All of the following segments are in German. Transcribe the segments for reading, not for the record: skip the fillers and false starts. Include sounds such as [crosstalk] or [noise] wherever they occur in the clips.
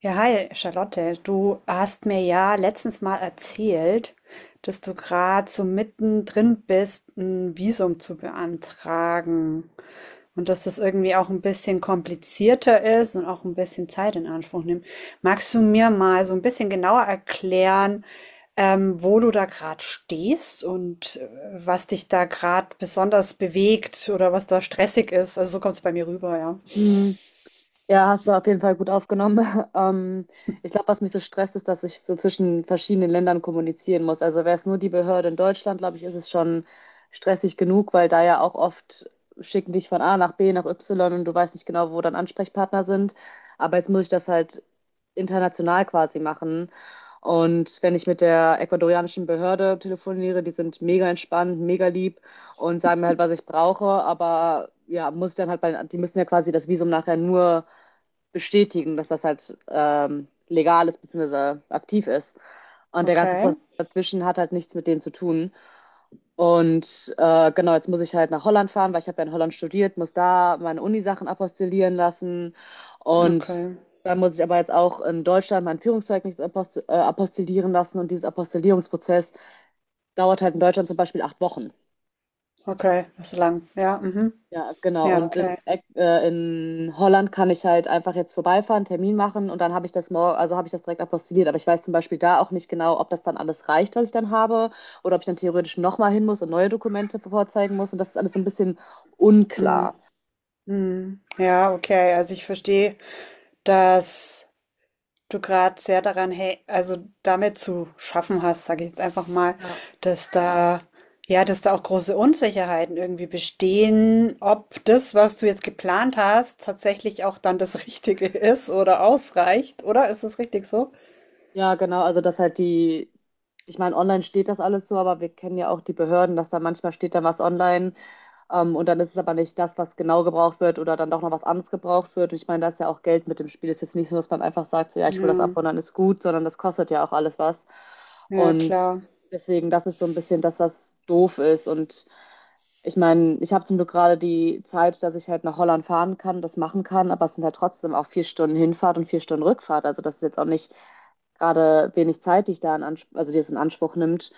Ja, hi, Charlotte. Du hast mir ja letztens mal erzählt, dass du gerade so mittendrin bist, ein Visum zu beantragen und dass das irgendwie auch ein bisschen komplizierter ist und auch ein bisschen Zeit in Anspruch nimmt. Magst du mir mal so ein bisschen genauer erklären, wo du da gerade stehst und was dich da gerade besonders bewegt oder was da stressig ist? Also so kommt es bei mir rüber, ja. Mhm. Ja, hast du auf jeden Fall gut aufgenommen. [laughs] Ähm, Ich glaube, was mich so stresst, ist, dass ich so zwischen verschiedenen Ländern kommunizieren muss. Also wäre es nur die Behörde in Deutschland, glaube ich, ist es schon stressig genug, weil da ja auch oft schicken dich von A nach B nach Y und du weißt nicht genau, wo dann Ansprechpartner sind. Aber jetzt muss ich das halt international quasi machen. Und wenn ich mit der ecuadorianischen Behörde telefoniere, die sind mega entspannt, mega lieb und sagen mir halt, was ich brauche, aber ja, muss ich dann halt die müssen ja quasi das Visum nachher nur bestätigen, dass das halt legal ist bzw. aktiv ist. Und der ganze Okay, Prozess dazwischen hat halt nichts mit denen zu tun. Und genau, jetzt muss ich halt nach Holland fahren, weil ich habe ja in Holland studiert, muss da meine Uni-Sachen apostillieren lassen. Und okay, dann muss ich aber jetzt auch in Deutschland mein Führungszeugnis apostillieren lassen. Und dieses Apostillierungsprozess dauert halt in Deutschland zum Beispiel 8 Wochen. okay, das ist lang. Ja, mhm. Ja, genau. Ja, Und okay. In Holland kann ich halt einfach jetzt vorbeifahren, Termin machen und dann habe ich das morgen, also habe ich das direkt apostilliert. Aber ich weiß zum Beispiel da auch nicht genau, ob das dann alles reicht, was ich dann habe, oder ob ich dann theoretisch nochmal hin muss und neue Dokumente vorzeigen muss. Und das ist alles so ein bisschen Mhm. unklar. Mhm. Ja, okay. Also ich verstehe, dass du gerade sehr daran, also damit zu schaffen hast, sage ich jetzt einfach mal, Ja. dass da, ja, dass da auch große Unsicherheiten irgendwie bestehen, ob das, was du jetzt geplant hast, tatsächlich auch dann das Richtige [laughs] ist oder ausreicht, oder? Ist das richtig so? Ja, genau. Also dass halt die, ich meine, online steht das alles so, aber wir kennen ja auch die Behörden, dass da manchmal steht da was online. Und dann ist es aber nicht das, was genau gebraucht wird oder dann doch noch was anderes gebraucht wird. Und ich meine, da ist ja auch Geld mit dem Spiel. Es ist jetzt nicht so, dass man einfach sagt, so, ja, ich Ja, hole das ab und dann ist gut, sondern das kostet ja auch alles was. ja, Und klar. deswegen, das ist so ein bisschen das, was doof ist. Und ich meine, ich habe zum Glück gerade die Zeit, dass ich halt nach Holland fahren kann, das machen kann, aber es sind halt trotzdem auch 4 Stunden Hinfahrt und 4 Stunden Rückfahrt. Also das ist jetzt auch nicht gerade wenig Zeit, die ich da in Anspruch, also die es in Anspruch nimmt.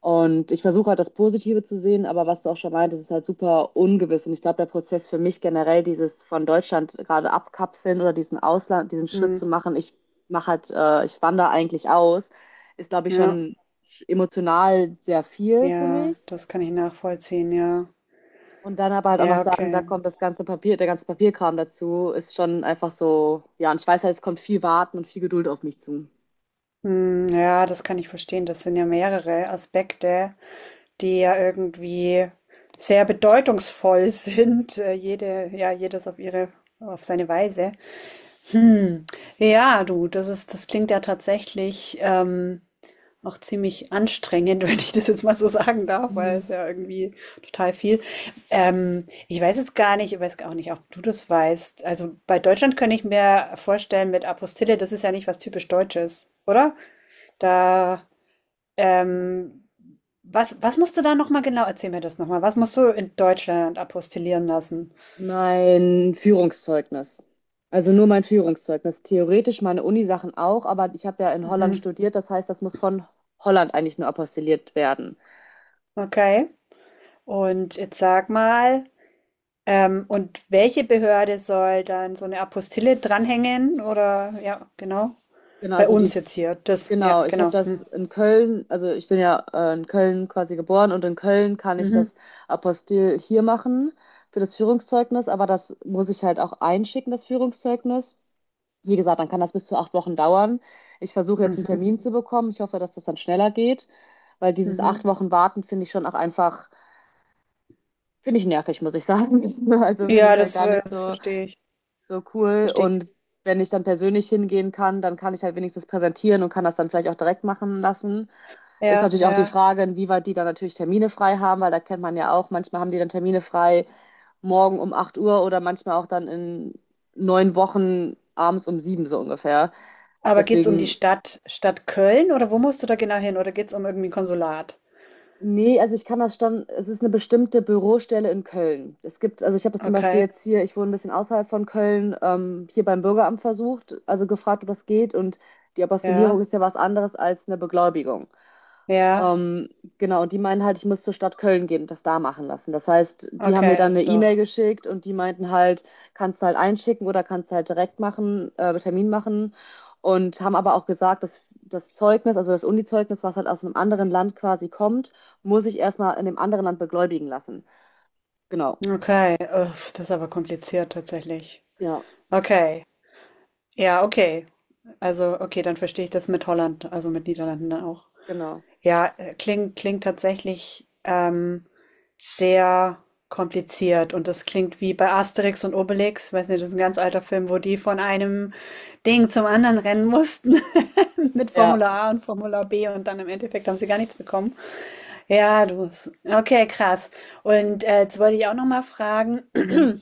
Und ich versuche halt das Positive zu sehen, aber was du auch schon meintest, ist halt super ungewiss. Und ich glaube, der Prozess für mich generell, dieses von Deutschland gerade abkapseln oder diesen Ausland, diesen Schritt Mhm. zu machen, ich wandere eigentlich aus, ist, glaube ich, Ja, schon emotional sehr viel für ja, mich. das kann ich nachvollziehen, ja. Und dann aber halt auch noch Ja, sagen, da okay. kommt das ganze Papier, der ganze Papierkram dazu, ist schon einfach so, ja, und ich weiß halt, es kommt viel Warten und viel Geduld auf mich zu. Hm, ja, das kann ich verstehen. Das sind ja mehrere Aspekte, die ja irgendwie sehr bedeutungsvoll [laughs] sind. Ja, jedes auf ihre, auf seine Weise. Hm. Ja, du, das ist, das klingt ja tatsächlich auch ziemlich anstrengend, [laughs] wenn ich das jetzt mal so sagen darf, weil Mhm. es ja irgendwie total viel. Ich weiß jetzt gar nicht, ich weiß auch nicht, ob du das weißt. Also bei Deutschland könnte ich mir vorstellen, mit Apostille, das ist ja nicht was typisch Deutsches, oder? Da. Ähm, was, was musst du da nochmal genau, erzähl mir das nochmal, was musst du in Deutschland apostillieren lassen? Mein Führungszeugnis. Also nur mein Führungszeugnis. Theoretisch meine Unisachen auch, aber ich habe ja in Holland Mhm. studiert, das heißt, das muss von Holland eigentlich nur apostilliert werden. Okay. Und jetzt sag mal, und welche Behörde soll dann so eine Apostille dranhängen? Oder, ja, genau. Genau, Bei also uns die, jetzt hier, das, ja, genau, ich habe genau. das Hm. in Köln, also ich bin ja in Köln quasi geboren und in Köln kann ich Mhm. das Apostil hier machen für das Führungszeugnis, aber das muss ich halt auch einschicken, das Führungszeugnis. Wie gesagt, dann kann das bis zu 8 Wochen dauern. Ich versuche jetzt einen Mhm. Termin zu bekommen. Ich hoffe, dass das dann schneller geht, weil dieses acht Mhm. Wochen Warten finde ich schon auch einfach, finde ich nervig, muss ich sagen. [laughs] Also finde Ja, ich halt das, gar nicht das so, verstehe ich. so cool. Verstehe ich. Und wenn ich dann persönlich hingehen kann, dann kann ich halt wenigstens präsentieren und kann das dann vielleicht auch direkt machen lassen. Ist Ja, natürlich auch die ja. Frage, inwieweit die dann natürlich Termine frei haben, weil da kennt man ja auch, manchmal haben die dann Termine frei morgen um 8 Uhr oder manchmal auch dann in 9 Wochen abends um 7 so ungefähr. Aber geht's um die Deswegen, Stadt Köln oder wo musst du da genau hin? Oder geht's um irgendwie ein Konsulat? nee, also ich kann das schon, es ist eine bestimmte Bürostelle in Köln. Es gibt, also ich habe das zum Beispiel Okay, jetzt hier, ich wohne ein bisschen außerhalb von Köln, hier beim Bürgeramt versucht, also gefragt, ob das geht. Und die Apostillierung ja, ist ja was anderes als eine Beglaubigung. ja. Ähm, genau, die meinen halt, ich muss zur Stadt Köln gehen und das da machen lassen. Das heißt, die haben mir Okay, dann also eine E-Mail doch. geschickt und die meinten halt, kannst du halt einschicken oder kannst du halt direkt machen, Termin machen. Und haben aber auch gesagt, dass das Zeugnis, also das Uni-Zeugnis, was halt aus einem anderen Land quasi kommt, muss ich erstmal in dem anderen Land beglaubigen lassen. Genau. Okay, uff, das ist aber kompliziert tatsächlich. Ja, Okay, ja, okay. Also, okay, dann verstehe ich das mit Holland, also mit Niederlanden dann auch. genau. Ja, klingt tatsächlich sehr kompliziert und das klingt wie bei Asterix und Obelix, weiß nicht, das ist ein ganz alter Film, wo die von einem Ding zum anderen rennen mussten [laughs] mit Ja. Formular A und Formular B und dann im Endeffekt haben sie gar nichts bekommen. Ja, du. Okay, krass. Und jetzt wollte ich auch noch mal fragen, Mhm.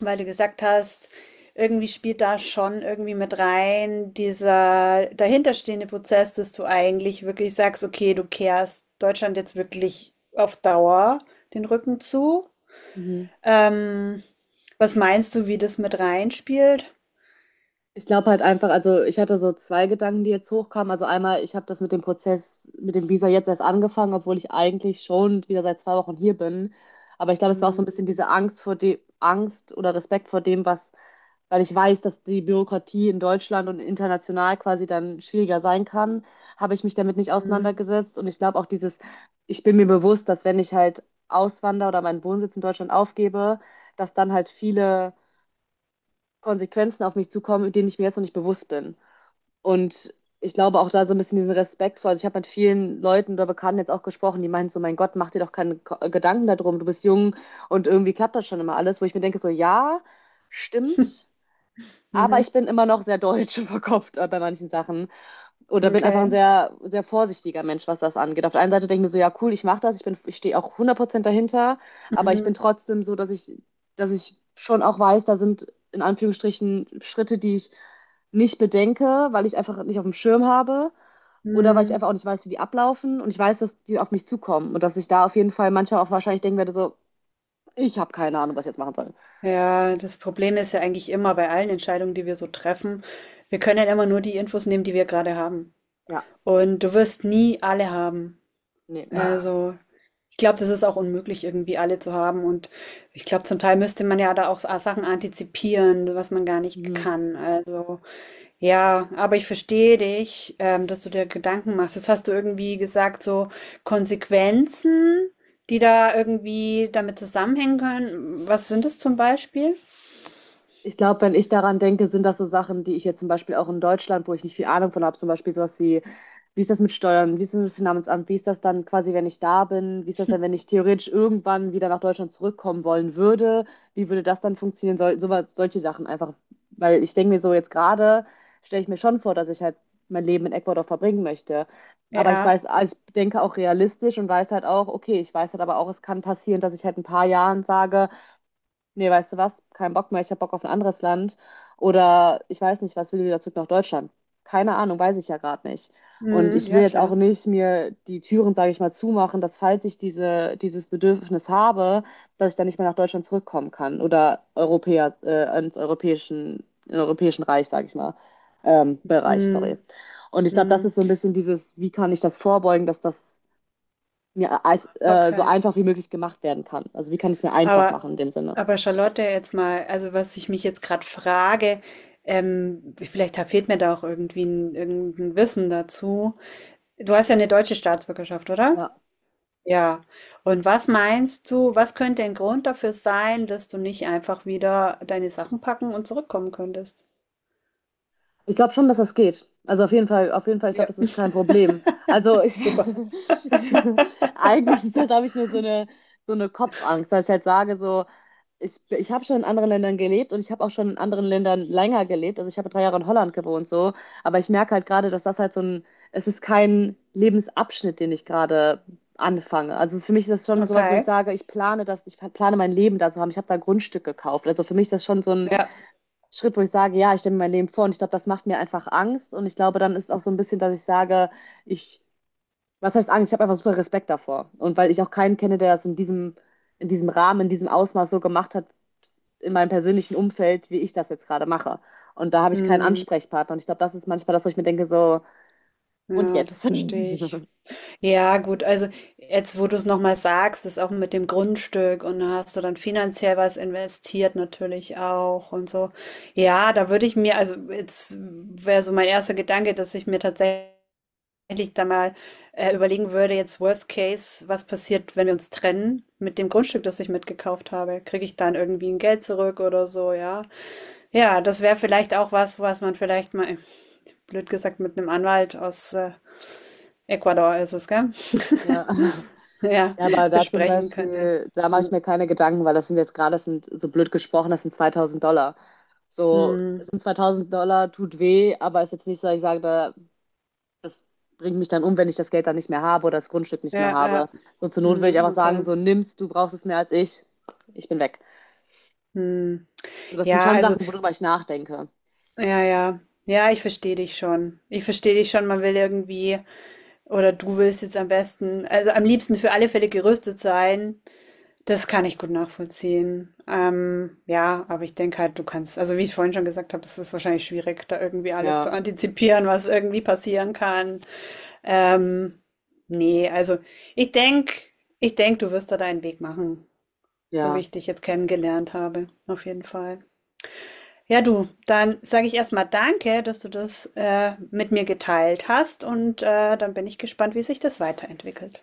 weil du gesagt hast, irgendwie spielt da schon irgendwie mit rein dieser dahinterstehende Prozess, dass du eigentlich wirklich sagst, okay, du kehrst Deutschland jetzt wirklich auf Dauer den Rücken zu. Mhm. Ähm, was meinst du, wie das mit reinspielt? Ich glaube halt einfach, also ich hatte so zwei Gedanken, die jetzt hochkamen. Also einmal, ich habe das mit dem Prozess, mit dem Visa jetzt erst angefangen, obwohl ich eigentlich schon wieder seit 2 Wochen hier bin. Aber ich glaube, es war auch so ein Mhm. bisschen diese Angst vor dem, Angst oder Respekt vor dem, was, weil ich weiß, dass die Bürokratie in Deutschland und international quasi dann schwieriger sein kann, habe ich mich damit nicht Mhm. auseinandergesetzt. Und ich glaube auch dieses, ich bin mir bewusst, dass wenn ich halt auswandere oder meinen Wohnsitz in Deutschland aufgebe, dass dann halt viele Konsequenzen auf mich zukommen, denen ich mir jetzt noch nicht bewusst bin. Und ich glaube auch da so ein bisschen diesen Respekt vor. Also ich habe mit vielen Leuten oder Bekannten jetzt auch gesprochen, die meinen so, mein Gott, mach dir doch keine Gedanken darum, du bist jung und irgendwie klappt das schon immer alles, wo ich mir denke, so ja, stimmt, aber ich Mhm. bin immer noch sehr deutsch [laughs] verkopft bei manchen Sachen oder bin einfach Okay. ein sehr, sehr vorsichtiger Mensch, was das angeht. Auf der einen Seite denke ich mir so, ja, cool, ich mache das, ich bin, ich stehe auch 100% dahinter, aber ich bin Mhm. trotzdem so, dass ich schon auch weiß, da sind in Anführungsstrichen Schritte, die ich nicht bedenke, weil ich einfach nicht auf dem Schirm habe oder weil ich Mhm. einfach auch nicht weiß, wie die ablaufen und ich weiß, dass die auf mich zukommen und dass ich da auf jeden Fall manchmal auch wahrscheinlich denken werde, so, ich habe keine Ahnung, was ich jetzt machen soll. Ja, das Problem ist ja eigentlich immer bei allen Entscheidungen, die wir so treffen, wir können ja immer nur die Infos nehmen, die wir gerade haben. Ja, Und du wirst nie alle haben. nee. [laughs] Also, ich glaube, das ist auch unmöglich, irgendwie alle zu haben. Und ich glaube, zum Teil müsste man ja da auch Sachen antizipieren, was man gar nicht Mhm. kann. Also, ja, aber ich verstehe dich, dass du dir Gedanken machst. Jetzt hast du irgendwie gesagt, so Konsequenzen, die da irgendwie damit zusammenhängen können. Was sind es zum Beispiel? Ich glaube, wenn ich daran denke, sind das so Sachen, die ich jetzt zum Beispiel auch in Deutschland, wo ich nicht viel Ahnung von habe, zum Beispiel sowas wie, wie ist das mit Steuern, wie ist das mit Finanzamt, wie ist das dann quasi, wenn ich da bin, wie ist das dann, wenn ich theoretisch irgendwann wieder nach Deutschland zurückkommen wollen würde, wie würde das dann funktionieren, so, so, solche Sachen einfach, weil ich denke mir so jetzt gerade, stelle ich mir schon vor, dass ich halt mein Leben in Ecuador verbringen möchte. Aber ich Ja, weiß, also ich denke auch realistisch und weiß halt auch, okay, ich weiß halt aber auch, es kann passieren, dass ich halt in ein paar Jahren sage, nee, weißt du was, kein Bock mehr, ich habe Bock auf ein anderes Land oder ich weiß nicht, was will wieder zurück nach Deutschland. Keine Ahnung, weiß ich ja gerade nicht. Und mm, ich will ja, jetzt auch klar. nicht mir die Türen, sage ich mal, zumachen, dass falls ich dieses Bedürfnis habe, dass ich dann nicht mehr nach Deutschland zurückkommen kann oder in europäischen Reich, sage ich mal, Bereich, sorry. Mm, Und ich glaube, das mm, ist so ein bisschen dieses, wie kann ich das vorbeugen, dass das mir so okay. einfach wie möglich gemacht werden kann. Also wie kann ich es mir einfach Aber machen in dem Sinne? Aber Charlotte, jetzt mal, also was ich mich jetzt gerade frage, fehlt mir da auch irgendwie ein, irgendein Wissen dazu. Du hast ja eine deutsche Staatsbürgerschaft, oder? Ja. Ja. Und was meinst du, was könnte ein Grund dafür sein, dass du nicht einfach wieder deine Sachen packen und zurückkommen könntest? Ich glaube schon, dass das geht. Also auf jeden Fall, ich Ja, glaube, das ist [laughs] kein Problem. Also ich, [laughs] super. ich eigentlich ist das, habe ich nur so eine Kopfangst, dass ich halt sage, so, ich habe schon in anderen Ländern gelebt und ich habe auch schon in anderen Ländern länger gelebt. Also ich habe 3 Jahre in Holland gewohnt, so. Aber ich merke halt gerade, dass das halt so ein, es ist kein Lebensabschnitt, den ich gerade anfange. Also für mich ist das schon sowas, wo ich Okay. sage, ich plane das, ich plane mein Leben da zu haben. Ich habe da Grundstück gekauft. Also für mich ist das schon so ein Ja. Schritt, wo ich sage, ja, ich stelle mir mein Leben vor und ich glaube, das macht mir einfach Angst und ich glaube, dann ist auch so ein bisschen, dass ich sage, ich, was heißt Angst? Ich habe einfach super Respekt davor und weil ich auch keinen kenne, der das in diesem Rahmen, in diesem Ausmaß so gemacht hat, in meinem persönlichen Umfeld, wie ich das jetzt gerade mache. Und da habe ich keinen Hm, Ansprechpartner und ich glaube, das ist manchmal das, wo ich mir denke, so, und ja, jetzt? das verstehe ich. [laughs] Ja, gut, also jetzt, wo du es nochmal sagst, ist auch mit dem Grundstück und da hast du dann finanziell was investiert natürlich auch und so. Ja, da würde ich mir, also jetzt wäre so mein erster Gedanke, dass ich mir tatsächlich da mal überlegen würde, jetzt Worst Case, was passiert, wenn wir uns trennen mit dem Grundstück, das ich mitgekauft habe? Kriege ich dann irgendwie ein Geld zurück oder so, ja? Ja, das wäre vielleicht auch was, was man vielleicht mal, blöd gesagt, mit einem Anwalt aus Ecuador ist es, gell? Ja. [laughs] Ja, Ja, aber [laughs] da zum besprechen könnte. Beispiel, da mache ich Mhm. mir keine Gedanken, weil das sind jetzt gerade, das sind so blöd gesprochen, das sind $2.000. So, Mhm. sind $2.000 tut weh, aber ist jetzt nicht so, dass ich sage, da, das bringt mich dann um, wenn ich das Geld dann nicht mehr habe oder das Grundstück nicht mehr Ja, habe. ja. So, zur Not würde Mhm, ich einfach sagen, okay. so nimmst, du brauchst es mehr als ich bin weg. Mhm. So, das sind Ja, schon also, Sachen, worüber ich nachdenke. ja, ja. Ja, ich verstehe dich schon. Ich verstehe dich schon. Man will irgendwie, oder du willst jetzt am besten, also am liebsten für alle Fälle gerüstet sein. Das kann ich gut nachvollziehen. Ja, aber ich denke halt, du kannst, also wie ich vorhin schon gesagt habe, es ist wahrscheinlich schwierig, da irgendwie alles Ja, zu antizipieren, was irgendwie passieren kann. Ähm, nee, also ich denke, ich denk, du wirst da deinen Weg machen, so wie ja. ich dich jetzt kennengelernt habe, auf jeden Fall. Ja, du, dann sage ich erstmal danke, dass du das mit mir geteilt hast und dann bin ich gespannt, wie sich das weiterentwickelt.